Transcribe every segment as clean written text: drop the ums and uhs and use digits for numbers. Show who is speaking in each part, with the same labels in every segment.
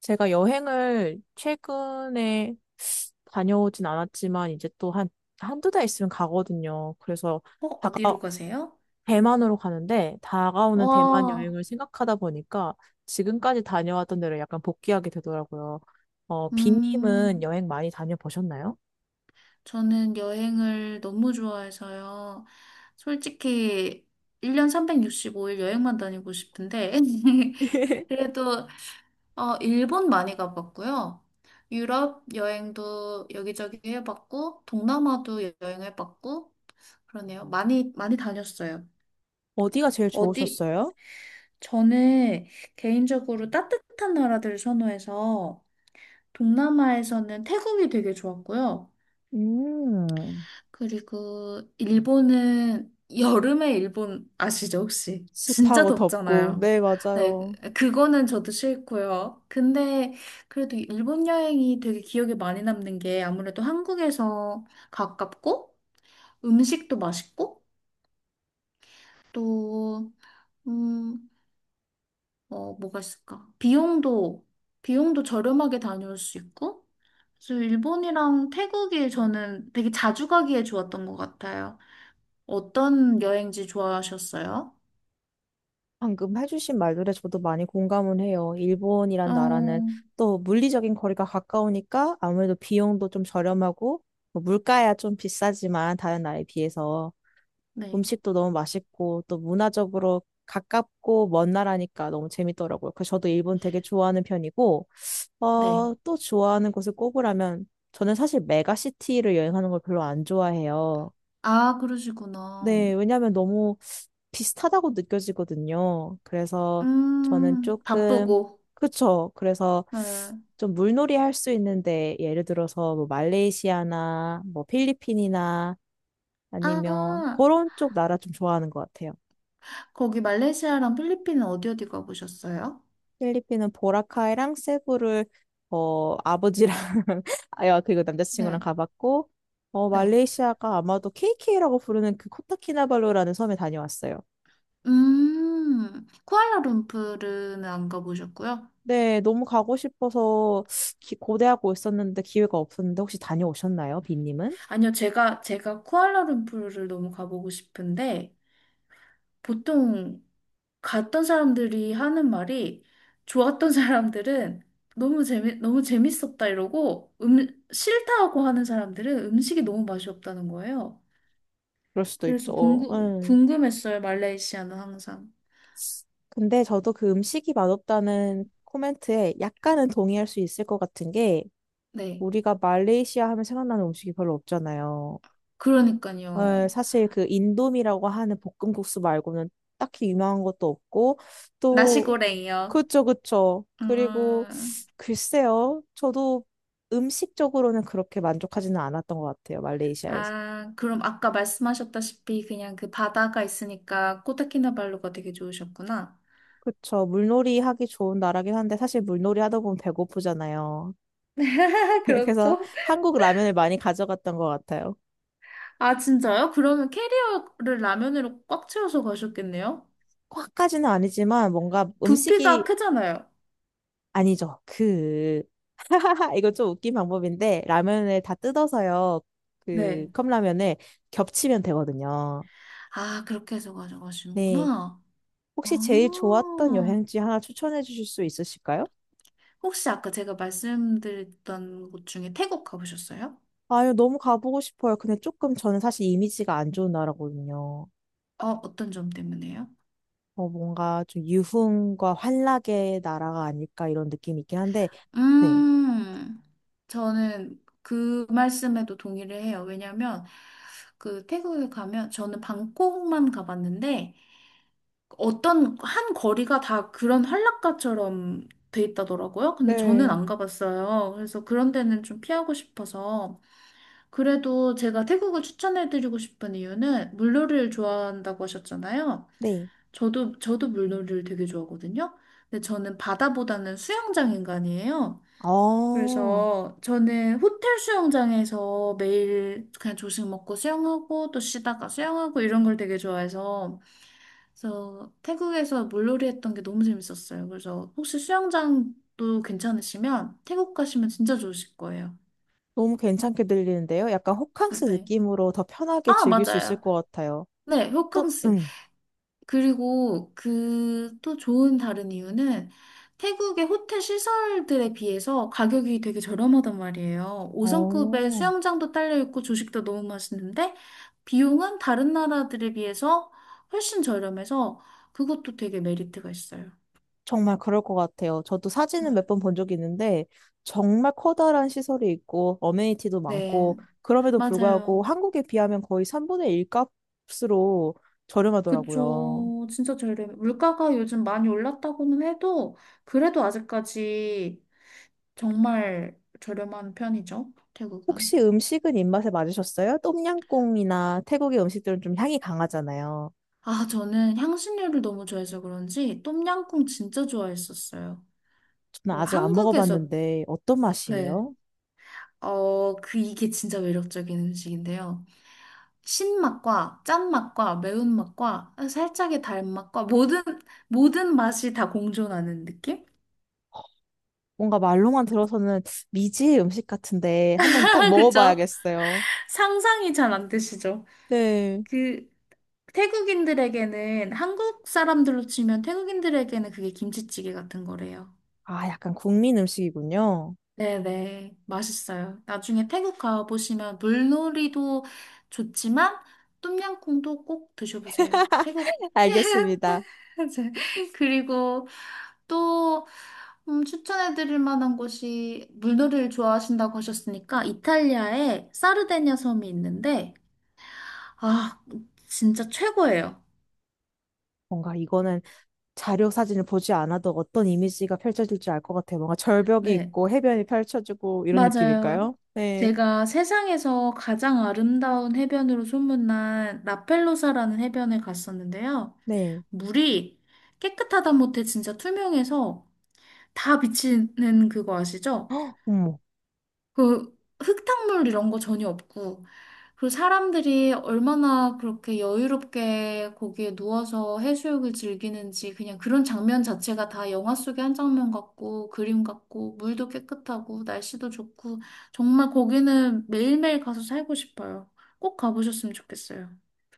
Speaker 1: 제가 여행을 최근에 다녀오진 않았지만 이제 또 한두 달 있으면 가거든요. 그래서 다가,
Speaker 2: 어디로 가세요?
Speaker 1: 대만으로 가는데 다가오는 대만
Speaker 2: 와,
Speaker 1: 여행을 생각하다 보니까 지금까지 다녀왔던 데를 약간 복귀하게 되더라고요. 비님은
Speaker 2: 음,
Speaker 1: 여행 많이 다녀보셨나요?
Speaker 2: 저는 여행을 너무 좋아해서요. 솔직히 1년 365일 여행만 다니고 싶은데, 그래도, 일본 많이 가봤고요. 유럽 여행도 여기저기 해봤고, 동남아도 여행해봤고, 그러네요. 많이, 많이 다녔어요.
Speaker 1: 어디가 제일
Speaker 2: 어디,
Speaker 1: 좋으셨어요?
Speaker 2: 저는 개인적으로 따뜻한 나라들 선호해서, 동남아에서는 태국이 되게 좋았고요.
Speaker 1: 음,
Speaker 2: 그리고 일본은 여름에 일본 아시죠, 혹시? 진짜
Speaker 1: 습하고 덥고,
Speaker 2: 덥잖아요.
Speaker 1: 네,
Speaker 2: 네,
Speaker 1: 맞아요.
Speaker 2: 그거는 저도 싫고요. 근데 그래도 일본 여행이 되게 기억에 많이 남는 게 아무래도 한국에서 가깝고 음식도 맛있고 또, 음, 뭐가 있을까? 비용도 저렴하게 다녀올 수 있고 그래서 일본이랑 태국이 저는 되게 자주 가기에 좋았던 것 같아요. 어떤 여행지 좋아하셨어요?
Speaker 1: 방금 해주신 말들에 저도 많이 공감은 해요.
Speaker 2: 어,
Speaker 1: 일본이란 나라는 또 물리적인 거리가 가까우니까 아무래도 비용도 좀 저렴하고, 뭐 물가야 좀 비싸지만 다른 나라에 비해서
Speaker 2: 네,
Speaker 1: 음식도 너무 맛있고 또 문화적으로 가깝고 먼 나라니까 너무 재밌더라고요. 그래서 저도 일본 되게 좋아하는 편이고,
Speaker 2: 네.
Speaker 1: 또 좋아하는 곳을 꼽으라면 저는 사실 메가시티를 여행하는 걸 별로 안 좋아해요.
Speaker 2: 아, 그러시구나.
Speaker 1: 네, 왜냐하면 너무 비슷하다고 느껴지거든요. 그래서 저는 조금,
Speaker 2: 바쁘고.
Speaker 1: 그쵸. 그래서
Speaker 2: 네.
Speaker 1: 좀 물놀이 할 수 있는데, 예를 들어서 뭐 말레이시아나 뭐 필리핀이나 아니면
Speaker 2: 아,
Speaker 1: 그런 쪽 나라 좀 좋아하는 것 같아요.
Speaker 2: 거기 말레이시아랑 필리핀은 어디 어디 가보셨어요?
Speaker 1: 필리핀은 보라카이랑 세부를 아버지랑, 아야, 그리고 남자친구랑
Speaker 2: 네,
Speaker 1: 가봤고,
Speaker 2: 네.
Speaker 1: 말레이시아가 아마도 KK라고 부르는 그 코타키나발루라는 섬에 다녀왔어요.
Speaker 2: 쿠알라룸푸르는 안 가보셨고요?
Speaker 1: 네, 너무 가고 싶어서 고대하고 있었는데 기회가 없었는데, 혹시 다녀오셨나요, 빈님은?
Speaker 2: 아니요, 제가 쿠알라룸푸르를 너무 가보고 싶은데, 보통 갔던 사람들이 하는 말이 좋았던 사람들은 너무 재밌었다 이러고 싫다고 하는 사람들은 음식이 너무 맛이 없다는 거예요.
Speaker 1: 그럴 수도
Speaker 2: 그래서
Speaker 1: 있죠. 응.
Speaker 2: 궁금했어요, 말레이시아는 항상.
Speaker 1: 근데 저도 그 음식이 맛없다는 코멘트에 약간은 동의할 수 있을 것 같은 게,
Speaker 2: 네.
Speaker 1: 우리가 말레이시아 하면 생각나는 음식이 별로 없잖아요.
Speaker 2: 그러니까요.
Speaker 1: 사실 그 인도미라고 하는 볶음국수 말고는 딱히 유명한 것도 없고, 또
Speaker 2: 나시고랭이요.
Speaker 1: 그쵸 그쵸. 그리고
Speaker 2: 음,
Speaker 1: 글쎄요, 저도 음식적으로는 그렇게 만족하지는 않았던 것 같아요, 말레이시아에서.
Speaker 2: 아, 그럼 아까 말씀하셨다시피 그냥 그 바다가 있으니까 코타키나발루가 되게 좋으셨구나.
Speaker 1: 그쵸. 물놀이 하기 좋은 나라긴 한데 사실 물놀이 하다 보면 배고프잖아요. 그래서
Speaker 2: 그렇죠?
Speaker 1: 한국 라면을 많이 가져갔던 것 같아요.
Speaker 2: 아, 진짜요? 그러면 캐리어를 라면으로 꽉 채워서 가셨겠네요?
Speaker 1: 꽉까지는 아니지만 뭔가
Speaker 2: 부피가
Speaker 1: 음식이
Speaker 2: 크잖아요.
Speaker 1: 아니죠. 그 이거 좀 웃긴 방법인데, 라면을 다 뜯어서요. 그
Speaker 2: 네.
Speaker 1: 컵라면을 겹치면 되거든요.
Speaker 2: 아, 그렇게 해서
Speaker 1: 네.
Speaker 2: 가져가시는구나.
Speaker 1: 혹시 제일 좋았던
Speaker 2: 아,
Speaker 1: 여행지 하나 추천해 주실 수 있으실까요?
Speaker 2: 혹시 아까 제가 말씀드렸던 곳 중에 태국 가보셨어요?
Speaker 1: 아유, 너무 가보고 싶어요. 근데 조금 저는 사실 이미지가 안 좋은 나라거든요.
Speaker 2: 어떤 점 때문에요?
Speaker 1: 뭔가 좀 유흥과 환락의 나라가 아닐까 이런 느낌이 있긴 한데, 네.
Speaker 2: 음, 저는 그 말씀에도 동의를 해요. 왜냐면 그 태국에 가면 저는 방콕만 가봤는데 어떤 한 거리가 다 그런 한락가처럼 돼 있다더라고요. 근데 저는
Speaker 1: 네.
Speaker 2: 안 가봤어요. 그래서 그런 데는 좀 피하고 싶어서. 그래도 제가 태국을 추천해드리고 싶은 이유는 물놀이를 좋아한다고 하셨잖아요.
Speaker 1: 네.
Speaker 2: 저도 물놀이를 되게 좋아하거든요. 근데 저는 바다보다는 수영장 인간이에요.
Speaker 1: 어,
Speaker 2: 그래서 저는 호텔 수영장에서 매일 그냥 조식 먹고 수영하고 또 쉬다가 수영하고 이런 걸 되게 좋아해서 그래서 태국에서 물놀이 했던 게 너무 재밌었어요. 그래서 혹시 수영장도 괜찮으시면 태국 가시면 진짜 좋으실 거예요.
Speaker 1: 너무 괜찮게 들리는데요. 약간 호캉스
Speaker 2: 네.
Speaker 1: 느낌으로 더 편하게
Speaker 2: 아,
Speaker 1: 즐길 수 있을
Speaker 2: 맞아요.
Speaker 1: 것 같아요.
Speaker 2: 네,
Speaker 1: 또,
Speaker 2: 호캉스. 그리고 그 또 좋은 다른 이유는 태국의 호텔 시설들에 비해서 가격이 되게 저렴하단 말이에요. 5성급의
Speaker 1: 어,
Speaker 2: 수영장도 딸려 있고 조식도 너무 맛있는데 비용은 다른 나라들에 비해서 훨씬 저렴해서 그것도 되게 메리트가 있어요.
Speaker 1: 정말 그럴 것 같아요. 저도
Speaker 2: 네.
Speaker 1: 사진은 몇 번 본 적이 있는데, 정말 커다란 시설이 있고, 어메니티도
Speaker 2: 네.
Speaker 1: 많고, 그럼에도 불구하고
Speaker 2: 맞아요.
Speaker 1: 한국에 비하면 거의 3분의 1 값으로 저렴하더라고요.
Speaker 2: 그쵸. 진짜 저렴해. 물가가 요즘 많이 올랐다고는 해도, 그래도 아직까지 정말 저렴한 편이죠. 태국은.
Speaker 1: 혹시 음식은 입맛에 맞으셨어요? 똠양꿍이나 태국의 음식들은 좀 향이 강하잖아요.
Speaker 2: 아, 저는 향신료를 너무 좋아해서 그런지, 똠양꿍 진짜 좋아했었어요.
Speaker 1: 저는
Speaker 2: 그리고
Speaker 1: 아직 안
Speaker 2: 한국에서,
Speaker 1: 먹어봤는데, 어떤
Speaker 2: 네.
Speaker 1: 맛이에요?
Speaker 2: 그, 이게 진짜 매력적인 음식인데요. 신맛과 짠맛과 매운맛과 살짝의 달맛과 모든 맛이 다 공존하는 느낌?
Speaker 1: 뭔가 말로만 들어서는 미지의 음식 같은데, 한번 꼭
Speaker 2: 그쵸?
Speaker 1: 먹어봐야겠어요.
Speaker 2: 상상이 잘 안 되시죠?
Speaker 1: 네.
Speaker 2: 그 태국인들에게는 한국 사람들로 치면 태국인들에게는 그게 김치찌개 같은 거래요.
Speaker 1: 아, 약간 국민 음식이군요.
Speaker 2: 네네, 맛있어요. 나중에 태국 가보시면 물놀이도 좋지만 똠양꿍도 꼭 드셔보세요. 태국, 태, 태,
Speaker 1: 알겠습니다.
Speaker 2: 이제. 그리고 또 추천해드릴 만한 곳이 물놀이를 좋아하신다고 하셨으니까 이탈리아에 사르데냐 섬이 있는데 아 진짜 최고예요.
Speaker 1: 뭔가 이거는 자료 사진을 보지 않아도 어떤 이미지가 펼쳐질지 알 것 같아요. 뭔가 절벽이
Speaker 2: 네,
Speaker 1: 있고 해변이 펼쳐지고 이런
Speaker 2: 맞아요.
Speaker 1: 느낌일까요? 네,
Speaker 2: 제가 세상에서 가장 아름다운 해변으로 소문난 라펠로사라는 해변에 갔었는데요.
Speaker 1: 네.
Speaker 2: 물이 깨끗하다 못해 진짜 투명해서 다 비치는 그거 아시죠?
Speaker 1: 헉, 어머,
Speaker 2: 그 흙탕물 이런 거 전혀 없고, 그리고 사람들이 얼마나 그렇게 여유롭게 거기에 누워서 해수욕을 즐기는지 그냥 그런 장면 자체가 다 영화 속의 한 장면 같고, 그림 같고, 물도 깨끗하고, 날씨도 좋고, 정말 거기는 매일매일 가서 살고 싶어요. 꼭 가보셨으면 좋겠어요.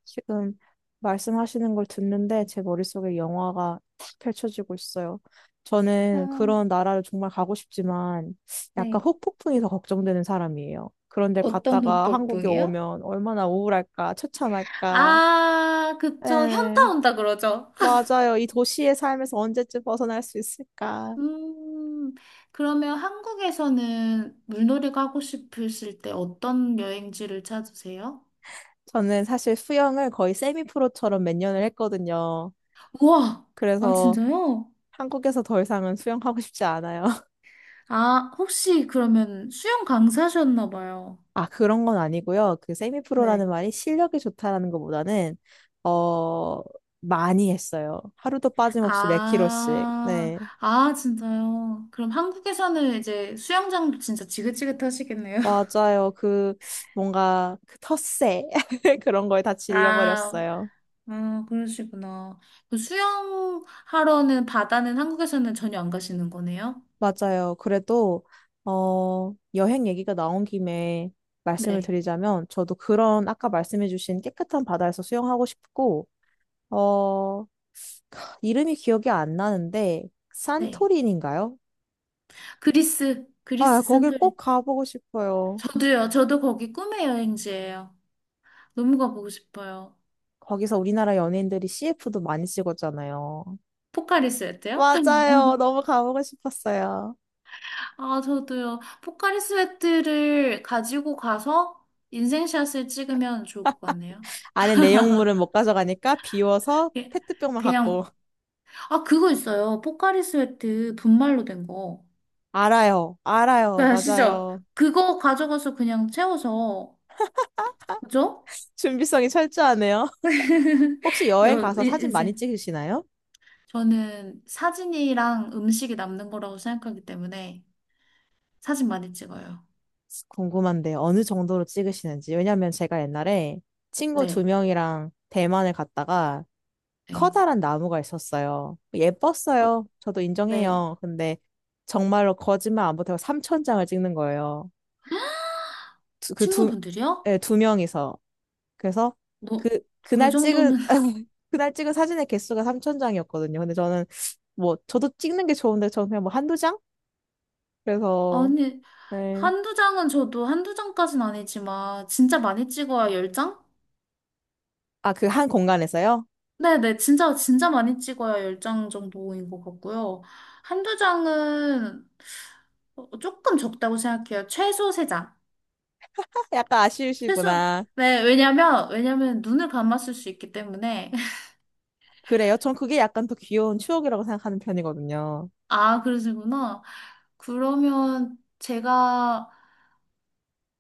Speaker 1: 지금 말씀하시는 걸 듣는데 제 머릿속에 영화가 탁 펼쳐지고 있어요. 저는
Speaker 2: 아,
Speaker 1: 그런 나라를 정말 가고 싶지만 약간
Speaker 2: 네.
Speaker 1: 혹폭풍이 더 걱정되는 사람이에요. 그런데
Speaker 2: 어떤
Speaker 1: 갔다가 한국에
Speaker 2: 북이요
Speaker 1: 오면 얼마나 우울할까, 처참할까.
Speaker 2: 아, 그쵸.
Speaker 1: 에.
Speaker 2: 현타 온다 그러죠.
Speaker 1: 맞아요. 이 도시의 삶에서 언제쯤 벗어날 수 있을까?
Speaker 2: 음, 그러면 한국에서는 물놀이 가고 싶으실 때 어떤 여행지를 찾으세요?
Speaker 1: 저는 사실 수영을 거의 세미프로처럼 몇 년을 했거든요.
Speaker 2: 우와! 아,
Speaker 1: 그래서
Speaker 2: 진짜요?
Speaker 1: 한국에서 더 이상은 수영하고 싶지 않아요.
Speaker 2: 아, 혹시 그러면 수영 강사셨나 봐요.
Speaker 1: 아, 그런 건 아니고요. 그 세미프로라는
Speaker 2: 네.
Speaker 1: 말이 실력이 좋다라는 것보다는, 어, 많이 했어요. 하루도 빠짐없이 몇 킬로씩.
Speaker 2: 아,
Speaker 1: 네.
Speaker 2: 아, 진짜요? 그럼 한국에서는 이제 수영장도 진짜 지긋지긋하시겠네요.
Speaker 1: 맞아요. 그, 뭔가, 그 텃세. 그런 거에 다
Speaker 2: 아,
Speaker 1: 질려버렸어요.
Speaker 2: 아, 그러시구나. 그 수영하러는 바다는 한국에서는 전혀 안 가시는 거네요?
Speaker 1: 맞아요. 그래도, 여행 얘기가 나온 김에 말씀을
Speaker 2: 네.
Speaker 1: 드리자면, 저도 그런 아까 말씀해주신 깨끗한 바다에서 수영하고 싶고, 어, 이름이 기억이 안 나는데,
Speaker 2: 네.
Speaker 1: 산토리니인가요?
Speaker 2: 그리스,
Speaker 1: 아,
Speaker 2: 그리스
Speaker 1: 거길
Speaker 2: 산토리니.
Speaker 1: 꼭 가보고 싶어요.
Speaker 2: 저도요, 저도 거기 꿈의 여행지예요. 너무 가보고 싶어요.
Speaker 1: 거기서 우리나라 연예인들이 CF도 많이 찍었잖아요.
Speaker 2: 포카리스웨트요?
Speaker 1: 맞아요. 너무 가보고 싶었어요.
Speaker 2: 아, 저도요. 포카리스웨트를 가지고 가서 인생샷을 찍으면 좋을 것 같네요.
Speaker 1: 안에 내용물은 못 가져가니까 비워서
Speaker 2: 예,
Speaker 1: 페트병만 갖고.
Speaker 2: 그냥, 아, 그거 있어요. 포카리스웨트 분말로 된 거.
Speaker 1: 알아요.
Speaker 2: 그
Speaker 1: 알아요.
Speaker 2: 아시죠?
Speaker 1: 맞아요.
Speaker 2: 그거 가져가서 그냥 채워서, 그죠?
Speaker 1: 준비성이 철저하네요. 혹시 여행 가서 사진 많이
Speaker 2: 인생.
Speaker 1: 찍으시나요?
Speaker 2: 저는 사진이랑 음식이 남는 거라고 생각하기 때문에 사진 많이 찍어요.
Speaker 1: 궁금한데 어느 정도로 찍으시는지. 왜냐면 제가 옛날에 친구 두
Speaker 2: 네.
Speaker 1: 명이랑 대만을 갔다가
Speaker 2: 네.
Speaker 1: 커다란 나무가 있었어요.
Speaker 2: 어,
Speaker 1: 예뻤어요. 저도
Speaker 2: 네.
Speaker 1: 인정해요. 근데 정말로 거짓말 안 보태고 3천 장을 찍는 거예요. 두- 그 두,
Speaker 2: 친구분들이요?
Speaker 1: 예, 두 명이서. 그래서
Speaker 2: 너, 그
Speaker 1: 그날 찍은,
Speaker 2: 정도는,
Speaker 1: 그날 찍은 사진의 개수가 3천 장이었거든요. 근데 저는, 뭐 저도 찍는 게 좋은데 저는 그냥 뭐 한두 장? 그래서
Speaker 2: 아니,
Speaker 1: 네.
Speaker 2: 한두 장은 저도 한두 장까진 아니지만, 진짜 많이 찍어야 10장?
Speaker 1: 아, 그 한 공간에서요?
Speaker 2: 네네, 진짜, 진짜 많이 찍어야 10장 정도인 것 같고요. 한두 장은 조금 적다고 생각해요. 최소 3장.
Speaker 1: 아, 약간
Speaker 2: 최소,
Speaker 1: 아쉬우시구나.
Speaker 2: 네, 왜냐면 눈을 감았을 수 있기 때문에.
Speaker 1: 그래요? 전 그게 약간 더 귀여운 추억이라고 생각하는 편이거든요.
Speaker 2: 아, 그러시구나. 그러면 제가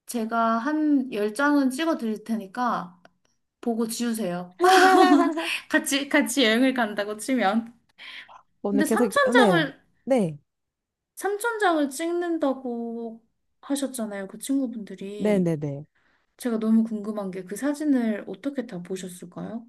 Speaker 2: 한 10장은 찍어 드릴 테니까 보고 지우세요. 같이 여행을 간다고 치면.
Speaker 1: 오늘
Speaker 2: 근데
Speaker 1: 계속, 네네. 네.
Speaker 2: 3천장을 찍는다고 하셨잖아요. 그 친구분들이.
Speaker 1: 네네네.
Speaker 2: 제가 너무 궁금한 게 그 사진을 어떻게 다 보셨을까요?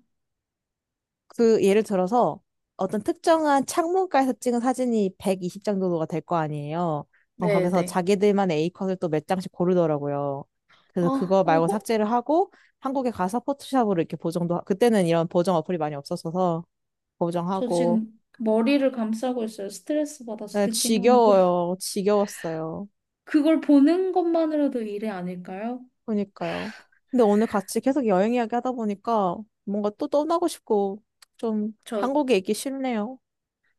Speaker 1: 그, 예를 들어서 어떤 특정한 창문가에서 찍은 사진이 120 정도가 될 거 아니에요. 그럼 거기서
Speaker 2: 네네.
Speaker 1: 자기들만의 A컷을 또 몇 장씩 고르더라고요. 그래서
Speaker 2: 아,
Speaker 1: 그거
Speaker 2: 어,
Speaker 1: 말고
Speaker 2: 호-
Speaker 1: 삭제를 하고 한국에 가서 포토샵으로 이렇게 보정도, 그때는 이런 보정 어플이 많이 없었어서
Speaker 2: 저
Speaker 1: 보정하고.
Speaker 2: 지금 머리를 감싸고 있어요. 스트레스 받아서
Speaker 1: 네,
Speaker 2: 듣기만 해도.
Speaker 1: 지겨워요. 지겨웠어요.
Speaker 2: 그걸 보는 것만으로도 일이 아닐까요?
Speaker 1: 그러니까요. 근데 오늘 같이 계속 여행 이야기 하다 보니까 뭔가 또 떠나고 싶고 좀
Speaker 2: 저,
Speaker 1: 한국에 있기 싫네요.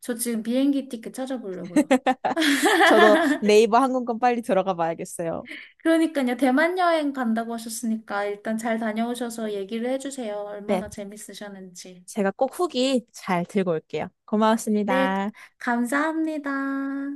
Speaker 2: 저 지금 비행기 티켓 찾아보려고요.
Speaker 1: 저도 네이버 항공권 빨리 들어가 봐야겠어요.
Speaker 2: 그러니까요. 대만 여행 간다고 하셨으니까 일단 잘 다녀오셔서 얘기를 해주세요.
Speaker 1: 네,
Speaker 2: 얼마나 재밌으셨는지.
Speaker 1: 제가 꼭 후기 잘 들고 올게요.
Speaker 2: 네,
Speaker 1: 고마웠습니다.
Speaker 2: 감사합니다.